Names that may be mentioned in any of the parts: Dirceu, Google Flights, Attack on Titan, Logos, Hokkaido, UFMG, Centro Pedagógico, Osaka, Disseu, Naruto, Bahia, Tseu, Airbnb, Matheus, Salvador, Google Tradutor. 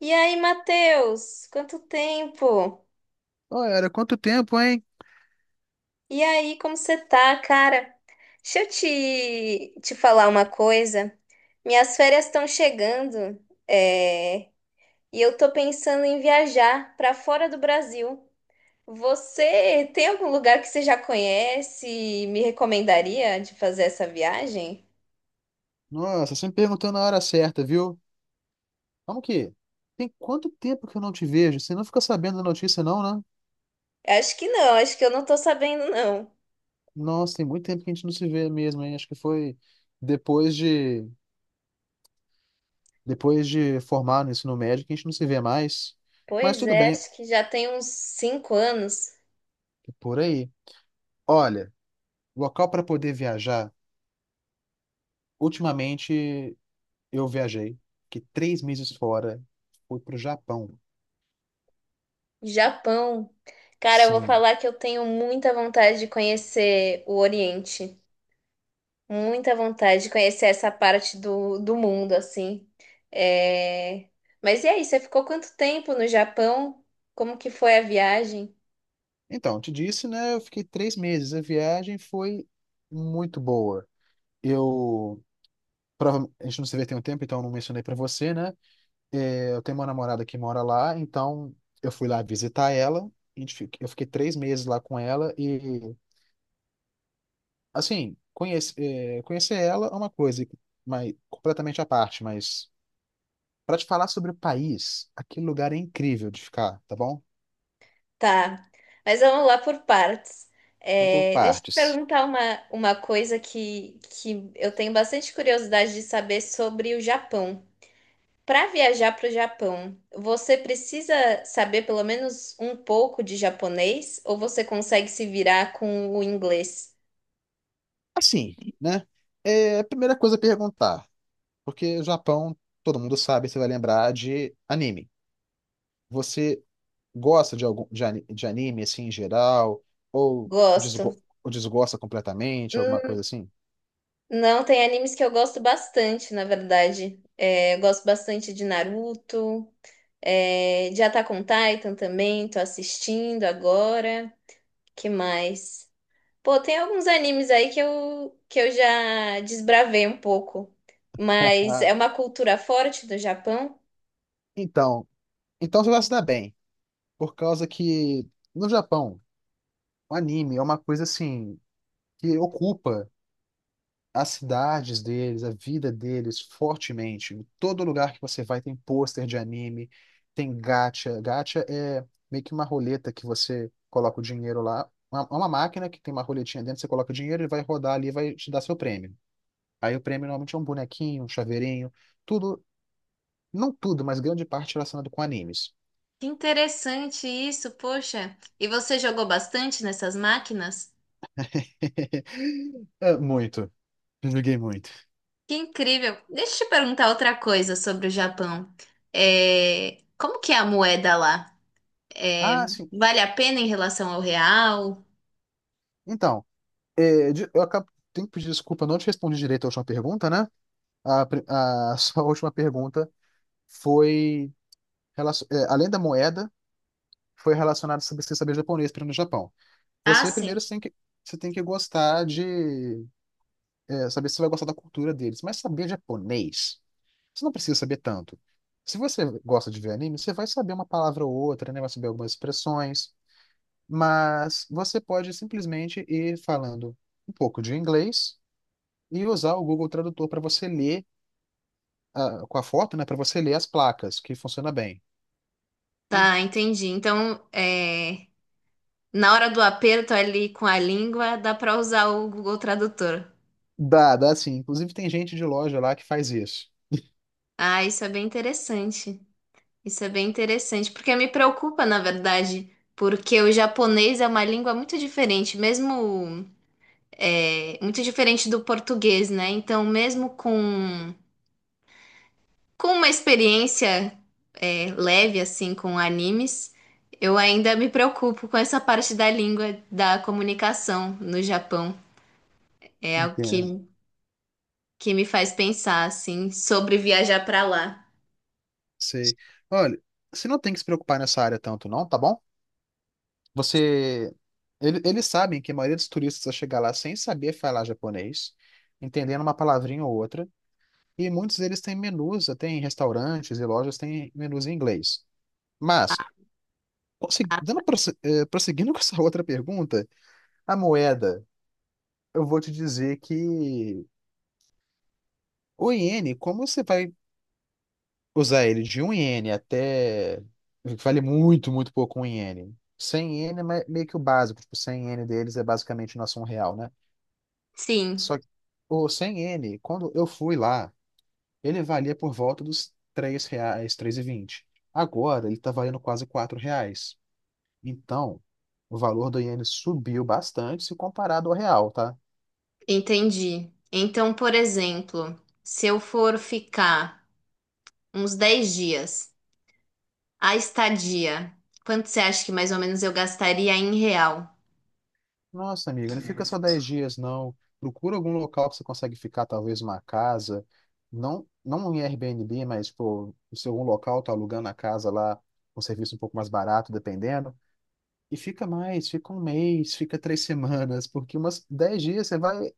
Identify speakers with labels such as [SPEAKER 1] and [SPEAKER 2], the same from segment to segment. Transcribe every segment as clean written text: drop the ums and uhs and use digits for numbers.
[SPEAKER 1] E aí, Matheus? Quanto tempo?
[SPEAKER 2] Ô, era quanto tempo, hein?
[SPEAKER 1] E aí, como você tá, cara? Deixa eu te falar uma coisa. Minhas férias estão chegando, é, e eu tô pensando em viajar para fora do Brasil. Você tem algum lugar que você já conhece e me recomendaria de fazer essa viagem?
[SPEAKER 2] Nossa, você me perguntou na hora certa, viu? Como que? Tem quanto tempo que eu não te vejo? Você não fica sabendo da notícia, não, né?
[SPEAKER 1] Acho que não, acho que eu não tô sabendo, não.
[SPEAKER 2] Nossa, tem muito tempo que a gente não se vê mesmo, hein? Acho que foi depois de depois de formar no ensino médio que a gente não se vê mais. Mas
[SPEAKER 1] Pois
[SPEAKER 2] tudo
[SPEAKER 1] é,
[SPEAKER 2] bem, é
[SPEAKER 1] acho que já tem uns 5 anos.
[SPEAKER 2] por aí. Olha, local para poder viajar. Ultimamente eu viajei, fiquei 3 meses fora, fui pro Japão.
[SPEAKER 1] Japão. Cara, eu vou
[SPEAKER 2] Sim.
[SPEAKER 1] falar que eu tenho muita vontade de conhecer o Oriente. Muita vontade de conhecer essa parte do mundo, assim. É... Mas e aí, você ficou quanto tempo no Japão? Como que foi a viagem?
[SPEAKER 2] Então, eu te disse, né? Eu fiquei 3 meses. A viagem foi muito boa. Eu. A gente não se vê tem um tempo, então eu não mencionei pra você, né? É, eu tenho uma namorada que mora lá, então eu fui lá visitar ela. Eu fiquei três meses lá com ela e, assim, conhecer ela é uma coisa, mas completamente à parte. Mas pra te falar sobre o país, aquele lugar é incrível de ficar, tá bom?
[SPEAKER 1] Tá, mas vamos lá por partes.
[SPEAKER 2] Vamos por
[SPEAKER 1] Deixa eu te
[SPEAKER 2] partes.
[SPEAKER 1] perguntar uma coisa que eu tenho bastante curiosidade de saber sobre o Japão. Para viajar para o Japão, você precisa saber pelo menos um pouco de japonês ou você consegue se virar com o inglês?
[SPEAKER 2] Assim, né? É a primeira coisa a perguntar. Porque o Japão, todo mundo sabe, você vai lembrar de anime. Você gosta de algum de anime assim em geral
[SPEAKER 1] Gosto.
[SPEAKER 2] ou desgosta completamente, alguma
[SPEAKER 1] Hum,
[SPEAKER 2] coisa assim?
[SPEAKER 1] Não, tem animes que eu gosto bastante, na verdade. Eu gosto bastante de Naruto, de Attack on Titan também, tô assistindo agora. Que mais? Pô, tem alguns animes aí que eu já desbravei um pouco, mas é
[SPEAKER 2] Ah,
[SPEAKER 1] uma cultura forte do Japão.
[SPEAKER 2] Então, então você vai se dar bem, por causa que no Japão, o anime é uma coisa assim que ocupa as cidades deles, a vida deles, fortemente. Em todo lugar que você vai tem pôster de anime, tem gacha. Gacha é meio que uma roleta que você coloca o dinheiro lá. É uma máquina que tem uma roletinha dentro, você coloca o dinheiro, ele vai rodar ali e vai te dar seu prêmio. Aí o prêmio normalmente é um bonequinho, um chaveirinho, tudo, não tudo, mas grande parte relacionado com animes.
[SPEAKER 1] Que interessante isso, poxa. E você jogou bastante nessas máquinas?
[SPEAKER 2] É, muito. Joguei muito.
[SPEAKER 1] Que incrível. Deixa eu te perguntar outra coisa sobre o Japão. Como que é a moeda lá?
[SPEAKER 2] Ah,
[SPEAKER 1] É,
[SPEAKER 2] sim.
[SPEAKER 1] Vale a pena em relação ao real?
[SPEAKER 2] Então, eu acabo, tenho que pedir desculpa, eu não te respondi direito a última pergunta, né? A sua última pergunta foi, além da moeda, foi relacionada sobre você saber japonês para ir no Japão.
[SPEAKER 1] Ah,
[SPEAKER 2] Você
[SPEAKER 1] sim.
[SPEAKER 2] primeiro você tem que, você tem que gostar de, saber se você vai gostar da cultura deles, mas saber japonês, você não precisa saber tanto. Se você gosta de ver anime, você vai saber uma palavra ou outra, né? Vai saber algumas expressões, mas você pode simplesmente ir falando um pouco de inglês e usar o Google Tradutor para você ler, ah, com a foto, né? Para você ler as placas, que funciona bem.
[SPEAKER 1] Tá, entendi. Então, na hora do aperto ali com a língua, dá pra usar o Google Tradutor.
[SPEAKER 2] Dá, dá sim. Inclusive tem gente de loja lá que faz isso.
[SPEAKER 1] Ah, isso é bem interessante. Isso é bem interessante, porque me preocupa, na verdade, porque o japonês é uma língua muito diferente, mesmo muito diferente do português, né? Então, mesmo com uma experiência leve, assim, com animes, eu ainda me preocupo com essa parte da língua da comunicação no Japão. É algo que,
[SPEAKER 2] Entendo.
[SPEAKER 1] que me faz pensar, assim, sobre viajar para lá.
[SPEAKER 2] Sei. Olha, você não tem que se preocupar nessa área tanto, não, tá bom? Você. Eles sabem que a maioria dos turistas vai chegar lá sem saber falar japonês, entendendo uma palavrinha ou outra, e muitos deles têm menus, até em restaurantes e lojas têm menus em inglês. Mas, prosseguindo com essa outra pergunta, a moeda, eu vou te dizer que o iene, como você vai usar ele de um iene até. Vale muito, muito pouco um iene. Cem iene é meio que o básico, tipo, 100 iene deles é basicamente nosso um real, né?
[SPEAKER 1] Sim,
[SPEAKER 2] Só que o 100 iene, quando eu fui lá, ele valia por volta dos 3 reais, 3,20. Agora ele tá valendo quase 4 reais. Então, o valor do iene subiu bastante se comparado ao real, tá?
[SPEAKER 1] entendi. Então, por exemplo, se eu for ficar uns 10 dias. A estadia. Quanto você acha que mais ou menos eu gastaria em real?
[SPEAKER 2] Nossa, amigo, não fica só 10 dias, não. Procura algum local que você consegue ficar, talvez uma casa. Não, não em Airbnb, mas, pô, se algum local tá alugando a casa lá, um serviço um pouco mais barato, dependendo. E fica mais, fica um mês, fica três semanas, porque umas 10 dias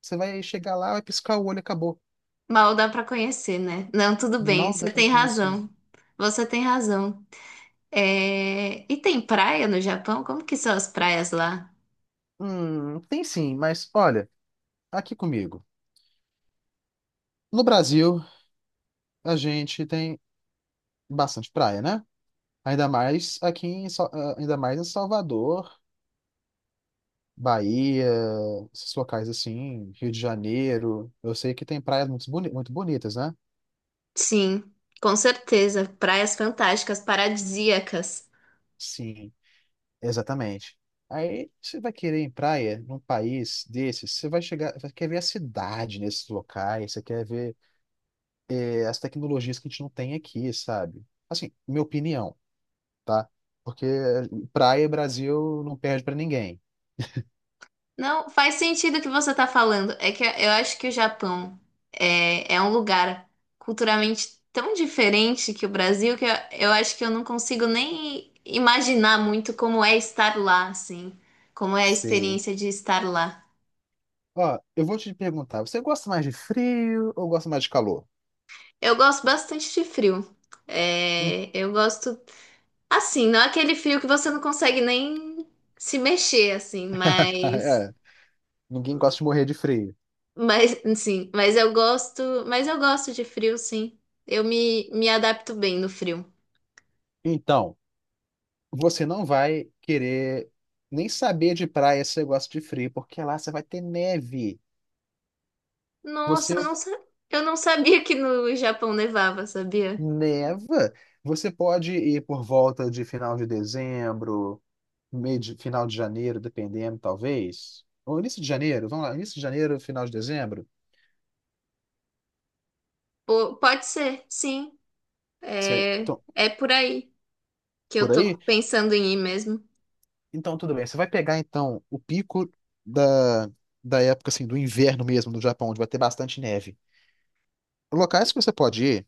[SPEAKER 2] você vai chegar lá, vai piscar o olho e acabou.
[SPEAKER 1] Mal dá pra conhecer, né? Não, tudo bem.
[SPEAKER 2] Mal
[SPEAKER 1] Você
[SPEAKER 2] dá pra
[SPEAKER 1] tem
[SPEAKER 2] conhecer.
[SPEAKER 1] razão. Você tem razão. E tem praia no Japão? Como que são as praias lá?
[SPEAKER 2] Tem sim, mas olha, aqui comigo. No Brasil, a gente tem bastante praia, né? Ainda mais em Salvador, Bahia, esses locais assim, Rio de Janeiro. Eu sei que tem praias muito bonitas, né?
[SPEAKER 1] Sim, com certeza. Praias fantásticas, paradisíacas.
[SPEAKER 2] Sim, exatamente. Aí você vai querer ir em praia num país desses, você vai chegar, você quer ver a cidade nesses locais, você quer ver as tecnologias que a gente não tem aqui, sabe? Assim, minha opinião, tá? Porque praia Brasil não perde pra ninguém.
[SPEAKER 1] Não, faz sentido o que você está falando. É que eu acho que o Japão é um lugar culturalmente tão diferente que o Brasil que eu acho que eu não consigo nem imaginar muito como é estar lá, assim, como é a experiência de estar lá.
[SPEAKER 2] Ó, eu vou te perguntar, você gosta mais de frio ou gosta mais de calor?
[SPEAKER 1] Eu gosto bastante de frio.
[SPEAKER 2] Hum.
[SPEAKER 1] Eu gosto, assim, não é aquele frio que você não consegue nem se mexer, assim, mas.
[SPEAKER 2] É, ninguém gosta de morrer de frio.
[SPEAKER 1] Mas sim, mas eu gosto de frio, sim. Eu me adapto bem no frio.
[SPEAKER 2] Então, você não vai querer nem saber de praia se você gosta de frio, porque lá você vai ter neve.
[SPEAKER 1] Nossa,
[SPEAKER 2] Você
[SPEAKER 1] eu não sabia que no Japão nevava, sabia?
[SPEAKER 2] neva, você pode ir por volta de final de dezembro, final de janeiro, dependendo, talvez. Ou início de janeiro, vamos lá, início de janeiro, final de dezembro.
[SPEAKER 1] Pode ser, sim.
[SPEAKER 2] Você,
[SPEAKER 1] É,
[SPEAKER 2] então,
[SPEAKER 1] é por aí que eu
[SPEAKER 2] por
[SPEAKER 1] tô
[SPEAKER 2] aí?
[SPEAKER 1] pensando em ir mesmo.
[SPEAKER 2] Então, tudo bem. Você vai pegar, então, o pico da, da época, assim, do inverno mesmo do Japão, onde vai ter bastante neve. Locais que você pode ir,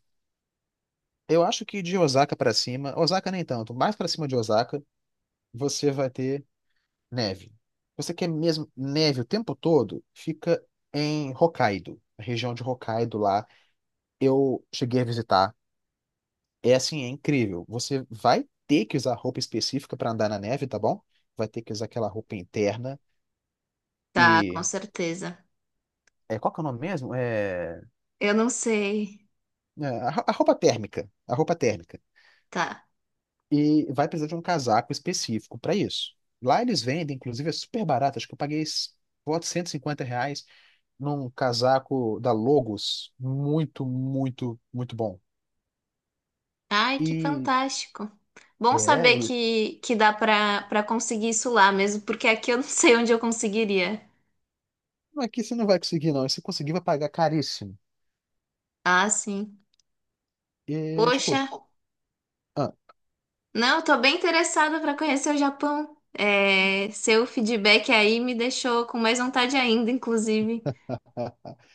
[SPEAKER 2] eu acho que de Osaka pra cima, Osaka nem tanto, mais pra cima de Osaka, você vai ter neve. Você quer mesmo neve o tempo todo? Fica em Hokkaido, a região de Hokkaido lá. Eu cheguei a visitar. É assim, é incrível. Você vai ter que usar roupa específica pra andar na neve, tá bom? Vai ter que usar aquela roupa interna.
[SPEAKER 1] Tá, com
[SPEAKER 2] e
[SPEAKER 1] certeza.
[SPEAKER 2] Qual que é o nome mesmo? É,
[SPEAKER 1] Eu não sei.
[SPEAKER 2] é, a ro- a roupa térmica. A roupa térmica.
[SPEAKER 1] Tá.
[SPEAKER 2] E vai precisar de um casaco específico para isso. Lá eles vendem, inclusive, é super barato. Acho que eu paguei, volta de R$ 150 num casaco da Logos. Muito, muito, muito bom.
[SPEAKER 1] Ai, que
[SPEAKER 2] E
[SPEAKER 1] fantástico. Bom
[SPEAKER 2] é,
[SPEAKER 1] saber
[SPEAKER 2] ele-
[SPEAKER 1] que dá pra conseguir isso lá mesmo, porque aqui eu não sei onde eu conseguiria.
[SPEAKER 2] não, aqui você não vai conseguir, não. E se conseguir, vai pagar caríssimo.
[SPEAKER 1] Ah, sim.
[SPEAKER 2] E
[SPEAKER 1] Poxa.
[SPEAKER 2] tipo, ah,
[SPEAKER 1] Não, tô bem interessada para conhecer o Japão. Seu feedback aí me deixou com mais vontade ainda, inclusive.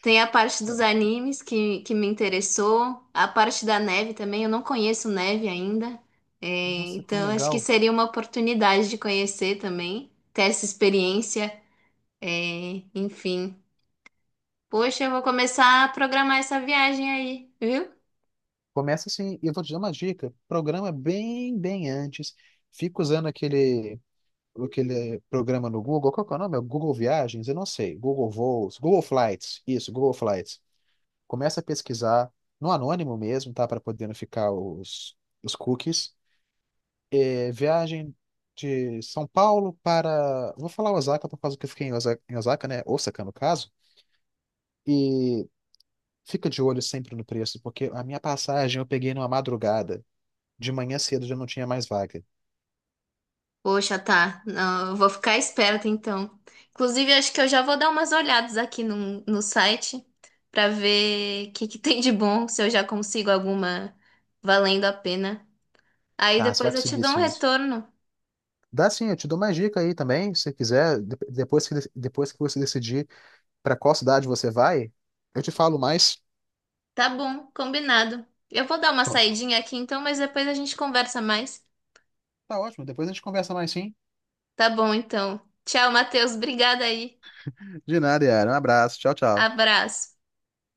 [SPEAKER 1] Tem a parte dos animes que me interessou, a parte da neve também. Eu não conheço neve ainda, É,
[SPEAKER 2] nossa, é tão
[SPEAKER 1] então acho que
[SPEAKER 2] legal.
[SPEAKER 1] seria uma oportunidade de conhecer também, ter essa experiência. Enfim, poxa, eu vou começar a programar essa viagem aí, viu?
[SPEAKER 2] Começa assim, e eu vou te dar uma dica. Programa bem, bem antes. Fica usando aquele programa no Google, qual que é o nome? É Google Viagens? Eu não sei. Google Voos, Google Flights, isso, Google Flights. Começa a pesquisar no anônimo mesmo, tá? Para poder não ficar os cookies. Viagem de São Paulo para. Vou falar Osaka por causa que eu fiquei em Osaka, né? Osaka, no caso. E fica de olho sempre no preço, porque a minha passagem eu peguei numa madrugada. De manhã cedo já não tinha mais vaga.
[SPEAKER 1] Poxa, tá. Não, eu vou ficar esperta então. Inclusive, acho que eu já vou dar umas olhadas aqui no site pra ver o que que tem de bom, se eu já consigo alguma valendo a pena. Aí
[SPEAKER 2] Tá, você vai
[SPEAKER 1] depois eu te
[SPEAKER 2] conseguir
[SPEAKER 1] dou um
[SPEAKER 2] sim.
[SPEAKER 1] retorno.
[SPEAKER 2] Dá sim, eu te dou mais dica aí também, se quiser, depois que você decidir para qual cidade você vai, eu te falo mais.
[SPEAKER 1] Tá bom, combinado. Eu vou dar uma saidinha aqui então, mas depois a gente conversa mais.
[SPEAKER 2] Tá ótimo, depois a gente conversa mais sim.
[SPEAKER 1] Tá bom, então. Tchau, Matheus. Obrigada aí.
[SPEAKER 2] De nada, Yara. Um abraço. Tchau, tchau.
[SPEAKER 1] Abraço.